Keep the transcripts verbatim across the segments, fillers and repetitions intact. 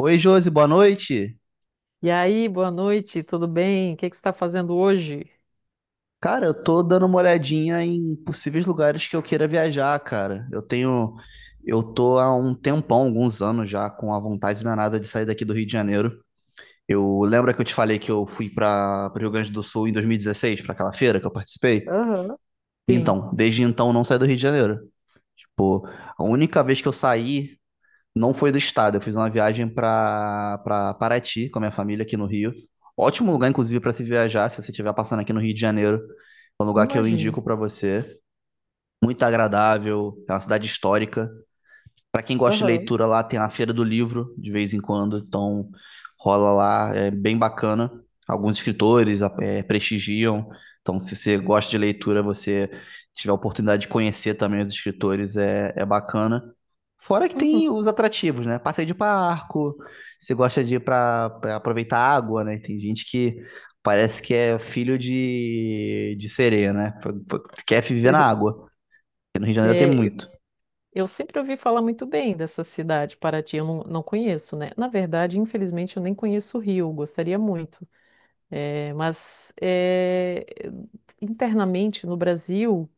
Oi, Josi, boa noite. E aí, boa noite, tudo bem? O que que você está fazendo hoje? Cara, eu tô dando uma olhadinha em possíveis lugares que eu queira viajar, cara. Eu tenho, eu tô há um tempão, alguns anos já, com a vontade danada de sair daqui do Rio de Janeiro. Eu lembra que eu te falei que eu fui para o Rio Grande do Sul em dois mil e dezesseis para aquela feira que eu participei? Aham. Sim, Então, desde então eu não saí do Rio de Janeiro. Tipo, a única vez que eu saí não foi do estado, eu fiz uma viagem para para Paraty com a minha família aqui no Rio. Ótimo lugar, inclusive, para se viajar, se você estiver passando aqui no Rio de Janeiro. Um lugar que eu imagino. indico para você. Muito agradável, é uma cidade histórica. Para quem gosta de Aham. leitura lá, tem a Feira do Livro de vez em quando, então rola lá, é bem bacana. Alguns escritores é, prestigiam, então se você gosta de leitura, você tiver a oportunidade de conhecer também os escritores, é, é bacana. Fora que Uhum. tem os atrativos, né? Passeio de barco, você gosta de ir para aproveitar a água, né? Tem gente que parece que é filho de, de sereia, né? Quer viver na água. No Rio de Janeiro tem É, eu muito, eu sempre ouvi falar muito bem dessa cidade, Paraty. Eu não, não conheço, né? Na verdade, infelizmente, eu nem conheço o Rio, gostaria muito. É, mas é, internamente no Brasil,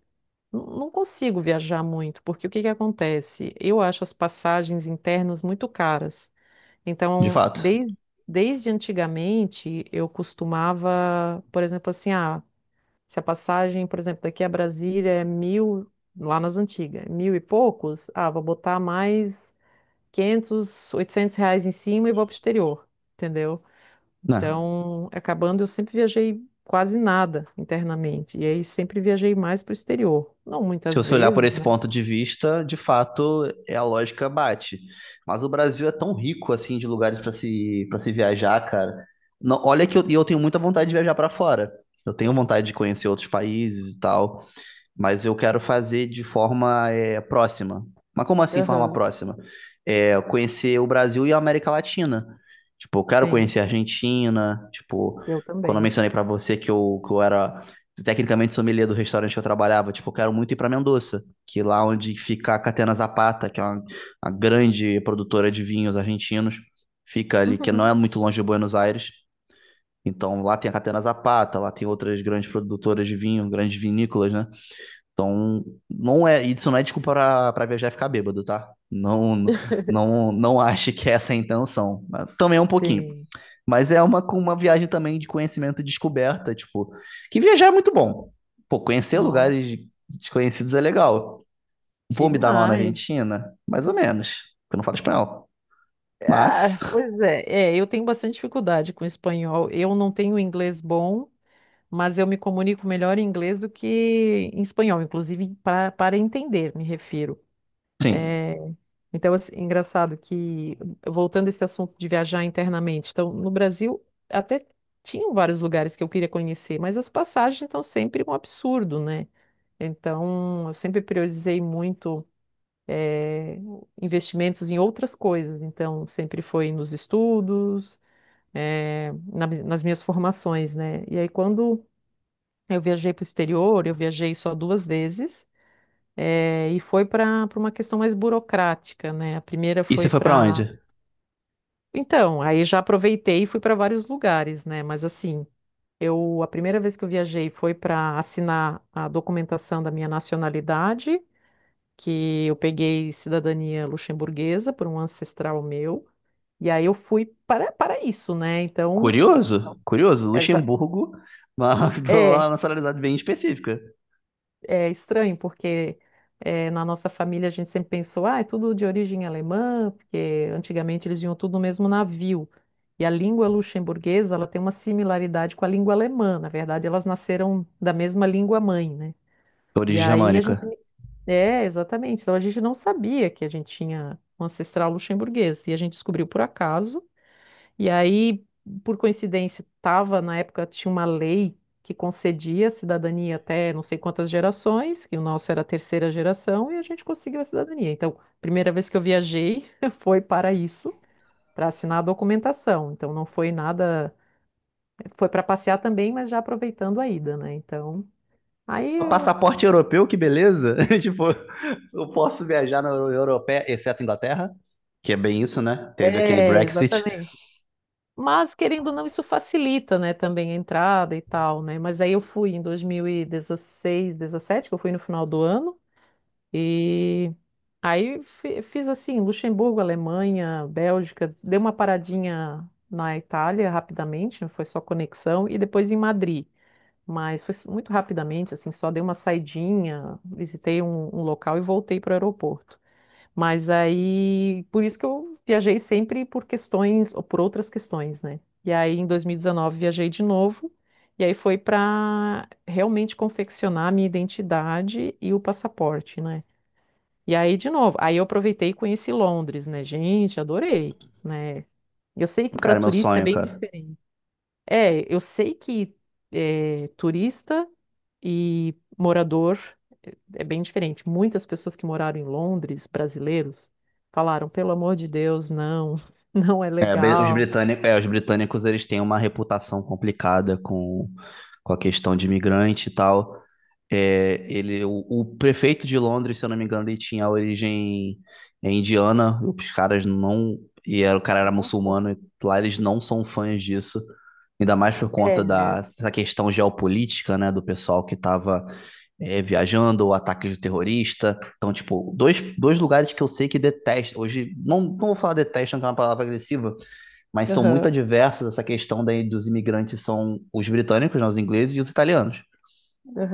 n- não consigo viajar muito, porque o que que acontece? Eu acho as passagens internas muito caras. de Então, fato. desde, desde antigamente, eu costumava, por exemplo, assim, ah, se a passagem, por exemplo, daqui a Brasília é mil, lá nas antigas, mil e poucos, ah, vou botar mais quinhentos oitocentos reais em cima e vou pro exterior, entendeu? Né? Então, acabando, eu sempre viajei quase nada internamente, e aí sempre viajei mais pro exterior. Não Se muitas você olhar por vezes, esse né? ponto de vista, de fato, é a lógica bate. Mas o Brasil é tão rico assim de lugares para se para se viajar, cara. Não- olha que eu, e eu tenho muita vontade de viajar para fora. Eu tenho vontade de conhecer outros países e tal mas eu quero fazer de forma é, próxima. Mas como assim forma Aham. próxima? É, conhecer o Brasil e a América Latina. Tipo, eu quero Sim, conhecer a Argentina, tipo, eu quando eu também. mencionei para você que eu, que eu era tecnicamente sommelier do restaurante que eu trabalhava, tipo, eu quero muito ir para Mendoza, que é lá onde fica a Catena Zapata, que é uma, uma grande produtora de vinhos argentinos, fica ali, que não Uhum. é muito longe de Buenos Aires. Então, lá tem a Catena Zapata, lá tem outras grandes produtoras de vinho, grandes vinícolas, né? Então, não é, isso não é desculpa pra, pra viajar e ficar bêbado, tá? Não, não, não ache que essa é a intenção. Mas também é um pouquinho. Sim. Mas é uma, uma viagem também de conhecimento e descoberta, tipo, que viajar é muito bom. Pô, conhecer Nossa, lugares desconhecidos é legal. Vou me dar mal na demais. Argentina? Mais ou menos, porque eu não falo espanhol. Mas, Ah, pois é. É, eu tenho bastante dificuldade com espanhol. Eu não tenho inglês bom, mas eu me comunico melhor em inglês do que em espanhol, inclusive para para entender, me refiro. sim. Então, assim, engraçado que, voltando a esse assunto de viajar internamente, então, no Brasil até tinham vários lugares que eu queria conhecer, mas as passagens estão sempre um absurdo, né? Então, eu sempre priorizei muito eh, investimentos em outras coisas. Então, sempre foi nos estudos, eh, na- nas minhas formações, né? E aí, quando eu viajei para o exterior, eu viajei só duas vezes, eh, e foi para para uma questão mais burocrática, né? A primeira E você foi foi pra para. onde? Então, aí já aproveitei e fui para vários lugares, né? Mas assim, eu a primeira vez que eu viajei foi para assinar a documentação da minha nacionalidade, que eu peguei cidadania luxemburguesa por um ancestral meu. E aí eu fui para, para isso, né? Então, Curioso? Curioso? é, já, Luxemburgo, mas lá na é, nacionalidade bem específica. é estranho, porque eh, na nossa família a gente sempre pensou, ah, é tudo de origem alemã, porque antigamente eles vinham tudo no mesmo navio. E a língua luxemburguesa, ela tem uma similaridade com a língua alemã. Na verdade, elas nasceram da mesma língua mãe, né? E Origem aí a gente... germânica. É, exatamente. Então a gente não sabia que a gente tinha um ancestral luxemburguês. E a gente descobriu por acaso. E aí, por coincidência, tava na época tinha uma lei que concedia cidadania até não sei quantas gerações, que o nosso era a terceira geração, e a gente conseguiu a cidadania. Então, primeira vez que eu viajei foi para isso, para assinar a documentação. Então, não foi nada, foi para passear também, mas já aproveitando a ida, né? Então, aí Ó, eu- passaporte europeu, que beleza! Tipo, eu posso viajar na Euro- Europeia, exceto Inglaterra, que é bem isso, né? Teve aquele é, Brexit. exatamente. Mas querendo ou não, isso facilita, né, também a entrada e tal, né? Mas aí eu fui em dois mil e dezesseis, dezessete, que eu fui no final do ano. E aí fi- fiz assim, Luxemburgo, Alemanha, Bélgica, dei uma paradinha na Itália rapidamente, foi só conexão, e depois em Madrid. Mas foi su- muito rapidamente, assim, só dei uma saidinha, visitei um, um local e voltei para o aeroporto. Mas aí, por isso que eu viajei sempre por questões, ou por outras questões, né? E aí, em dois mil e dezenove, viajei de novo, e aí foi para realmente confeccionar a minha identidade e o passaporte, né? E aí, de novo, aí eu aproveitei e conheci Londres, né? Gente, adorei, né? Eu sei que para Cara, meu turista é sonho, bem cara. diferente. É, eu sei que é, turista e morador é bem diferente. Muitas pessoas que moraram em Londres, brasileiros, falaram, pelo amor de Deus, não, não é É, bri- os legal. britânicos, é, os britânicos eles têm uma reputação complicada com, com a questão de imigrante e tal. É, ele, o, o prefeito de Londres, se eu não me engano, ele tinha origem é, indiana. Os caras não. E era, o cara era Nossa. muçulmano. E lá eles não são fãs disso. Ainda mais por conta É. da, dessa questão geopolítica, né? Do pessoal que estava é, viajando, o ataque de terrorista. Então, tipo, dois, dois lugares que eu sei que detestam. Hoje, não, não vou falar detestam, que é uma palavra agressiva mas são muito Aham. adversas essa questão daí dos imigrantes são os britânicos, né, os ingleses e os italianos.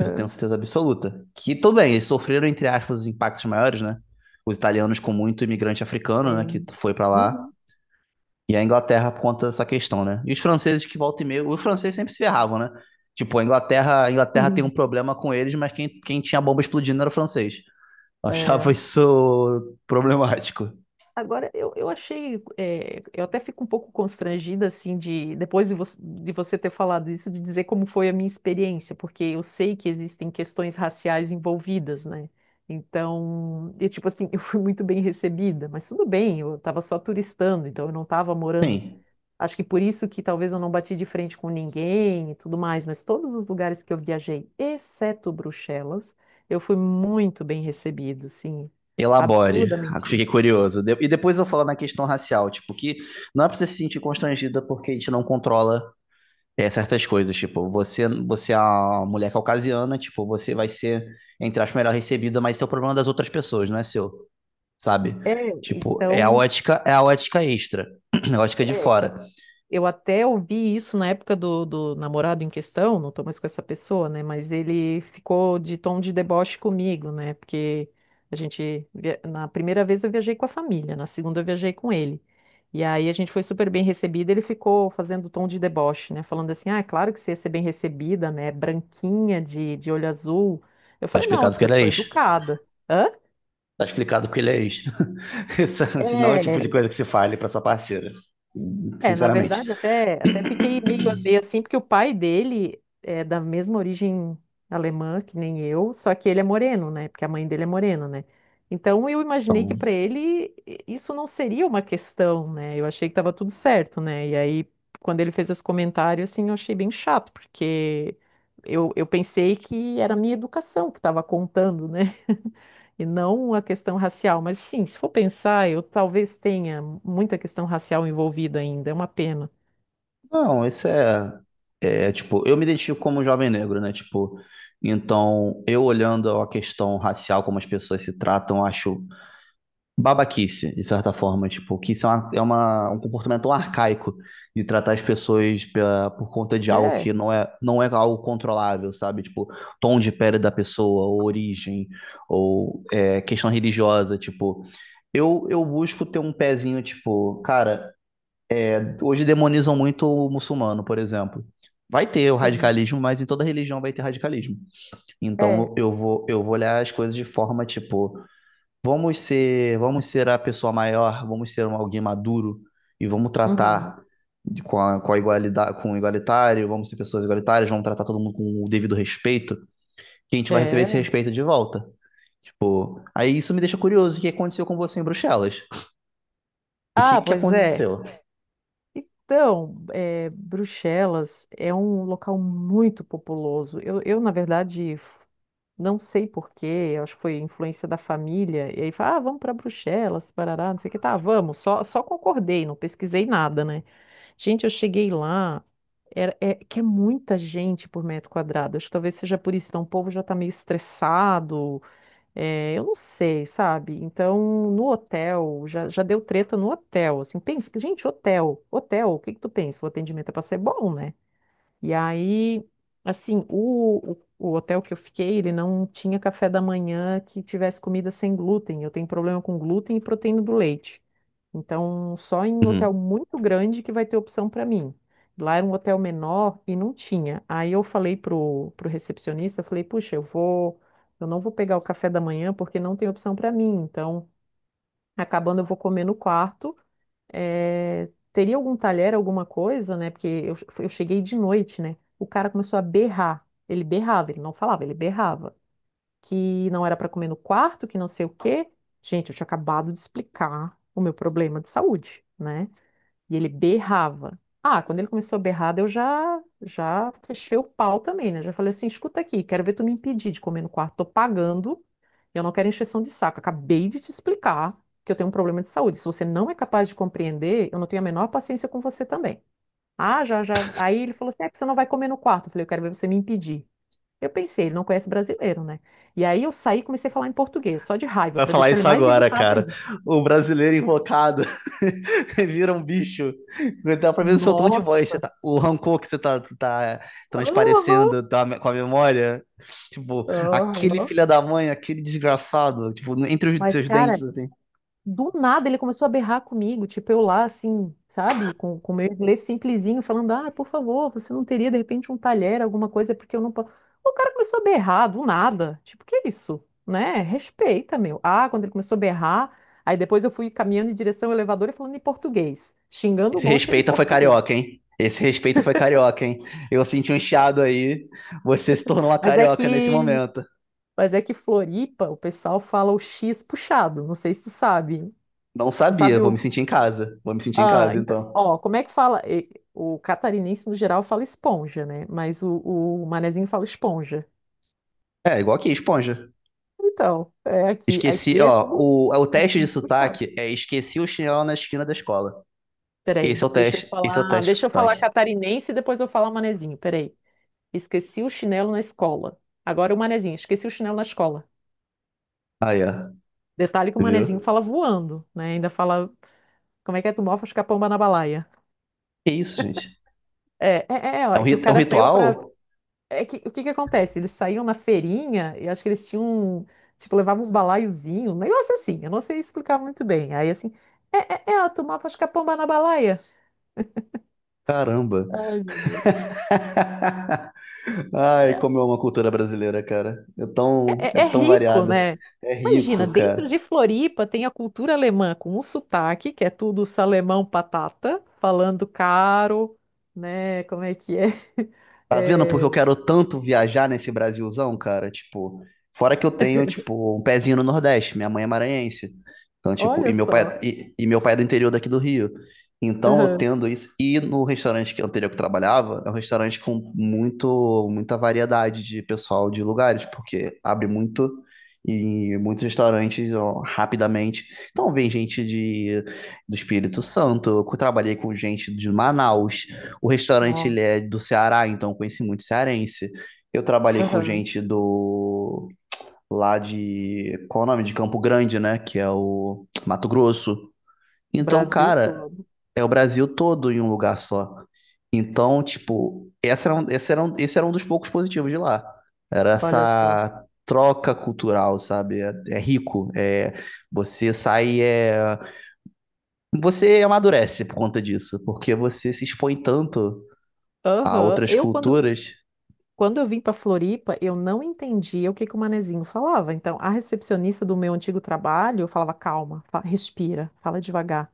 Isso eu tenho certeza absoluta. Que tudo bem, eles sofreram, entre aspas, os impactos maiores, né? Os italianos com muito imigrante africano, né, que Sim. foi para lá, Uhum. e a Inglaterra por conta dessa questão, né? E os franceses que volta e meio, os franceses sempre se ferravam, né? Tipo, a Inglaterra, a Inglaterra tem um Sim. problema com eles, mas quem, quem tinha a bomba explodindo era o francês. Eu achava É. isso problemático. Agora, eu, eu achei, eh, eu até fico um pouco constrangida, assim, de, depois de, vo de você ter falado isso, de dizer como foi a minha experiência, porque eu sei que existem questões raciais envolvidas, né? Então, e tipo assim, eu fui muito bem recebida, mas tudo bem, eu estava só turistando, então eu não estava morando. Sim, Acho que por isso que talvez eu não bati de frente com ninguém e tudo mais, mas todos os lugares que eu viajei, exceto Bruxelas, eu fui muito bem recebida, assim, elabore. Ah, absurdamente. fiquei curioso. De- E depois eu falo na questão racial, tipo, que não é pra você se sentir constrangida porque a gente não controla eh, certas coisas. Tipo, você, você é uma mulher caucasiana, tipo, você vai ser, entre aspas, melhor recebida, mas isso é o problema das outras pessoas, não é seu, sabe? É. Tipo, é a Então, ótica, é a ótica extra, a ótica de é, fora. eu até ouvi isso na época do, do namorado em questão, não tô mais com essa pessoa, né? Mas ele ficou de tom de deboche comigo, né? Porque a gente, via- na primeira vez eu viajei com a família, na segunda eu viajei com ele. E aí a gente foi super bem recebida, ele ficou fazendo tom de deboche, né? Falando assim, ah, é claro que você ia ser bem recebida, né? Branquinha, de, de olho azul. Eu Tá falei, não, é explicado porque porque eu ele é sou ex. educada. Hã? Tá explicado porque ele é ex. Isso, senão é o É. tipo de coisa que se fale pra sua parceira. É, na Sinceramente. verdade, até, até fiquei meio a meio assim, porque o pai dele é da mesma origem alemã que nem eu, só que ele é moreno, né? Porque a mãe dele é morena, né? Então eu imaginei que para ele i- isso não seria uma questão, né? Eu achei que tava tudo certo, né? E aí, quando ele fez esse comentário, assim, eu achei bem chato, porque eu, eu pensei que era a minha educação que estava contando, né? E não a questão racial. Mas sim, se for pensar, eu talvez tenha muita questão racial envolvida ainda, é uma pena. Não, isso é, é, tipo, eu me identifico como um jovem negro, né? Tipo, então eu olhando a questão racial, como as pessoas se tratam, eu acho babaquice, de certa forma, tipo, que isso é, uma, é uma- um comportamento tão arcaico de tratar as pessoas pela- por conta de algo É. que não é, não é algo controlável, sabe? Tipo, tom de pele da pessoa, ou origem, ou é, questão religiosa, tipo, eu, eu busco ter um pezinho, tipo, cara. Hoje demonizam muito o muçulmano, por exemplo. Vai ter o Sim. radicalismo, mas em toda religião vai ter radicalismo. É. Então eu vou, eu vou olhar as coisas de forma tipo, vamos ser, vamos ser a pessoa maior, vamos ser um alguém maduro e vamos Uhum. tratar com a, com a igualdade, com o igualitário, vamos ser pessoas igualitárias, vamos tratar todo mundo com o devido respeito, que a gente vai receber esse É. respeito de volta. Tipo, aí isso me deixa curioso, o que aconteceu com você em Bruxelas? E o que Ah, que pois é. aconteceu? Então, é, Bruxelas é um local muito populoso. Eu, eu, na verdade, f- não sei porquê, eu acho que foi influência da família. E aí fala, ah, vamos para Bruxelas, parará, não sei o que. Tá, vamos. Só, só concordei, não pesquisei nada, né? Gente, eu cheguei lá, era, é, que é muita gente por metro quadrado. Acho que talvez seja por isso. Então, o povo já está meio estressado. É, eu não sei, sabe? Então, no hotel, já, já deu treta no hotel, assim, pensa, que, gente, hotel, hotel, o que que tu pensa? O atendimento é pra ser bom, né? E aí, assim, o, o, o hotel que eu fiquei, ele não tinha café da manhã que tivesse comida sem glúten, eu tenho problema com glúten e proteína do leite. Então, só em hotel Uhum. muito grande que vai ter opção para mim. Lá era um hotel menor e não tinha. Aí eu falei pro, pro recepcionista, eu falei, puxa, eu vou, eu não vou pegar o café da manhã porque não tem opção para mim. Então, acabando, eu vou comer no quarto. Eh, teria algum talher, alguma coisa, né? Porque eu, che- eu cheguei de noite, né? O cara começou a berrar. Ele berrava, ele não falava, ele berrava. Que não era para comer no quarto, que não sei o quê. Gente, eu tinha acabado de explicar o meu problema de saúde, né? E ele berrava. Ah, quando ele começou a berrar, daí eu já, já fechei o pau também, né? Já falei assim: escuta aqui, quero ver tu me impedir de comer no quarto. Tô pagando, eu não quero encheção de saco. Acabei de te explicar que eu tenho um problema de saúde. Se você não é capaz de compreender, eu não tenho a menor paciência com você também. Ah, já, já. Aí ele falou assim: é, porque você não vai comer no quarto. Eu falei: eu quero ver você me impedir. Eu pensei, ele não conhece brasileiro, né? E aí eu saí e comecei a falar em português, só de raiva, Vai pra falar deixar ele isso mais agora, irritado cara. ainda. O brasileiro invocado vira um bicho. Dá pra ver o seu tom de voz. Você Nossa! Tá, o rancor que você tá, tá Aham. transparecendo tá, com a memória. Tipo, aquele Aham. filho da mãe, aquele desgraçado. Tipo, entre os Mas, seus dentes, cara, assim. do nada ele começou a berrar comigo, tipo eu lá assim, sabe, com com o meu inglês simplesinho, falando: "Ah, por favor, você não teria de repente um talher, alguma coisa, porque eu não posso". O cara começou a berrar do nada. Tipo, que isso? Né? Respeita, meu. Ah, quando ele começou a berrar, aí depois eu fui caminhando em direção ao elevador e falando em português, xingando um Esse monte ele em respeita foi português. carioca, hein? Esse respeita foi carioca, hein? Eu senti um chiado aí. Você se tornou uma Mas é carioca nesse que, momento. mas é que Floripa, o pessoal fala o X puxado, não sei se tu sabe. Não Tu sabia. sabe Vou me o sentir em casa. Vou me sentir em ah, casa, então, então. ó, como é que fala? E- O catarinense, no geral, fala esponja, né? Mas o, o manezinho fala esponja. É, igual aqui, esponja. Então, é aqui, Esqueci, aqui é ó, tudo o, é o o teste de X puxado. sotaque é esqueci o chinelo na esquina da escola. Esse é Peraí, o deixa eu teste, esse é o falar, teste de deixa eu falar sotaque. catarinense e depois eu falar manezinho. Peraí. Esqueci o chinelo na escola. Agora o manezinho, esqueci o chinelo na escola. Aí, ó, Detalhe que o manezinho viu? fala voando, né? Ainda fala, como é que é? Tu mofa os capão na balaia. Que isso, gente? É, é, é, ó, É um, é que o rit- é um cara saiu para. ritual? É que, o que que acontece? Eles saíam na feirinha e acho que eles tinham, um- tipo, levavam um balaiozinho, um negócio assim, eu não sei explicar muito bem. Aí, assim, é, é, é ela tomava, acho que a pomba na balaia. Caramba. Ai, meu Deus. Ai, É, como é uma cultura brasileira, cara. É tão, é é, é tão rico, variada. né? É rico, Imagina, dentro cara. de Floripa tem a cultura alemã com o sotaque, que é tudo salemão patata, falando caro, né? Como é que é? Tá vendo? Porque É, eu quero tanto viajar nesse Brasilzão, cara. Tipo, fora que eu tenho, tipo, um pezinho no Nordeste. Minha mãe é maranhense. Então, tipo, e olha meu só. pai, e, e meu pai é do interior daqui do Rio. Então, eu Aham. tendo isso. E no restaurante que anterior que eu trabalhava, é um restaurante com muito, muita variedade de pessoal de lugares, porque abre muito e muitos restaurantes ó, rapidamente. Então, vem gente de, do Espírito Santo. Eu trabalhei com gente de Manaus. O restaurante ele Nossa, é do Ceará, então eu conheci muito cearense. Eu trabalhei com aham. gente do lá de qual é o nome? De Campo Grande, né? Que é o Mato Grosso. Então, Brasil cara, todo, é o Brasil todo em um lugar só. Então, tipo, essa era um, esse era um, esse era um dos poucos positivos de lá. Era olha só. essa troca cultural, sabe? É, é rico. É, você sai, é, você amadurece por conta disso, porque você se expõe tanto a Aham. outras Eu, quando culturas. Quando eu vim para Floripa, eu não entendia o que que o manezinho falava. Então, a recepcionista do meu antigo trabalho falava: calma, fa- respira, fala devagar.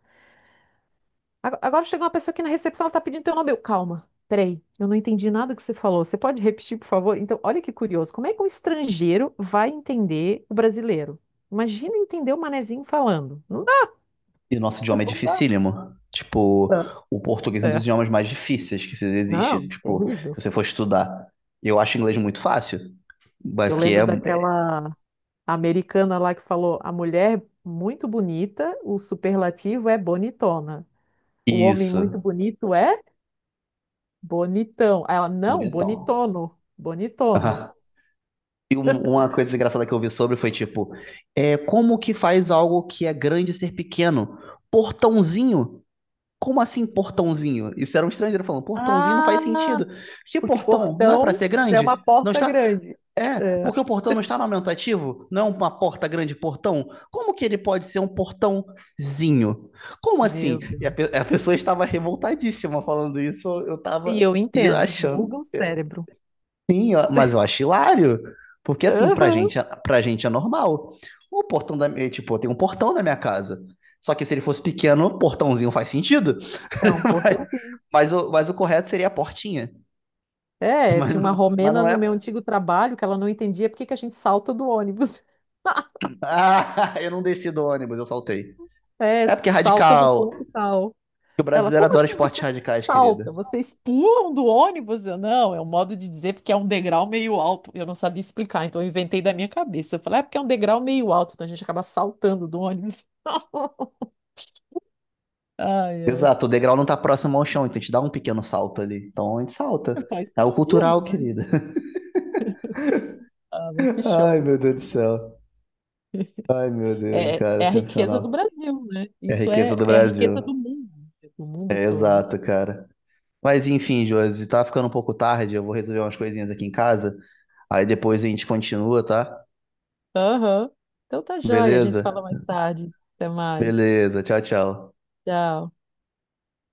Ag- Agora chegou uma pessoa aqui na recepção, ela tá pedindo teu nome. Eu, calma, peraí, eu não entendi nada que você falou. Você pode repetir, por favor? Então, olha que curioso: como é que um estrangeiro vai entender o brasileiro? Imagina entender o manezinho falando. Não dá, E o nosso idioma é não dá. dificílimo. Tipo, o português é um dos É. idiomas mais difíceis que existe. Não, Tipo, se terrível. você for estudar. Eu acho inglês muito fácil. Mas Eu porque é lembro é daquela a americana lá que falou: a mulher muito bonita, o superlativo é bonitona. O homem muito isso. bonito é bonitão. Aí ela, não, Bonitão. bonitono, bonitono. Aham. E um- uma coisa engraçada que eu vi sobre foi tipo, é como que faz algo que é grande ser pequeno? Portãozinho. Como assim portãozinho? Isso era um estrangeiro falando, portãozinho não faz Ah, sentido. Que porque portão? Não é para portão ser já é uma grande? Não porta está? grande. É, É, porque o portão não está no aumentativo? Não é uma porta grande portão? Como que ele pode ser um portãozinho? Como assim? meu E a, Deus. pe- a pessoa estava revoltadíssima falando isso, eu E estava eu entendo, buga achando. o cérebro. Sim, ó, mas eu acho hilário. Porque assim, pra Aham. gente, é- pra gente é normal. O portão da minha, tipo, eu tenho um portão na minha casa. Só que se ele fosse pequeno, portãozinho faz sentido. É um portãozinho. Mas o, mas o correto seria a portinha. É, tinha uma Mas romena não no meu é. antigo trabalho que ela não entendia por que que a gente salta do ônibus. Ah, eu não desci do ônibus, eu saltei. É, É porque é salta no radical. ponto tal. O Ela, brasileiro como adora assim esportes vocês radicais, querida. saltam? Vocês pulam do ônibus? Eu, não, é um modo de dizer porque é um degrau meio alto. Eu não sabia explicar, então eu inventei da minha cabeça. Eu falei, é porque é um degrau meio alto, então a gente acaba saltando do ônibus. Ai, ai, Exato, o degrau não tá próximo ao chão, então a gente dá um pequeno salto ali. Então a gente salta. faz É o sentido, cultural, né? querida. Ah, mas que Ai, show. meu Deus do céu. Ai, meu Deus, É, cara, é a riqueza do sensacional. Brasil, né? É a Isso riqueza é, do é a riqueza do Brasil. mundo, do mundo É todo. exato, cara. Mas enfim, Josi, tá ficando um pouco tarde, eu vou resolver umas coisinhas aqui em casa. Aí depois a gente continua, tá? Aham. Então tá joia, a gente se fala Beleza? mais tarde. Até mais. Beleza, tchau, tchau. Tchau.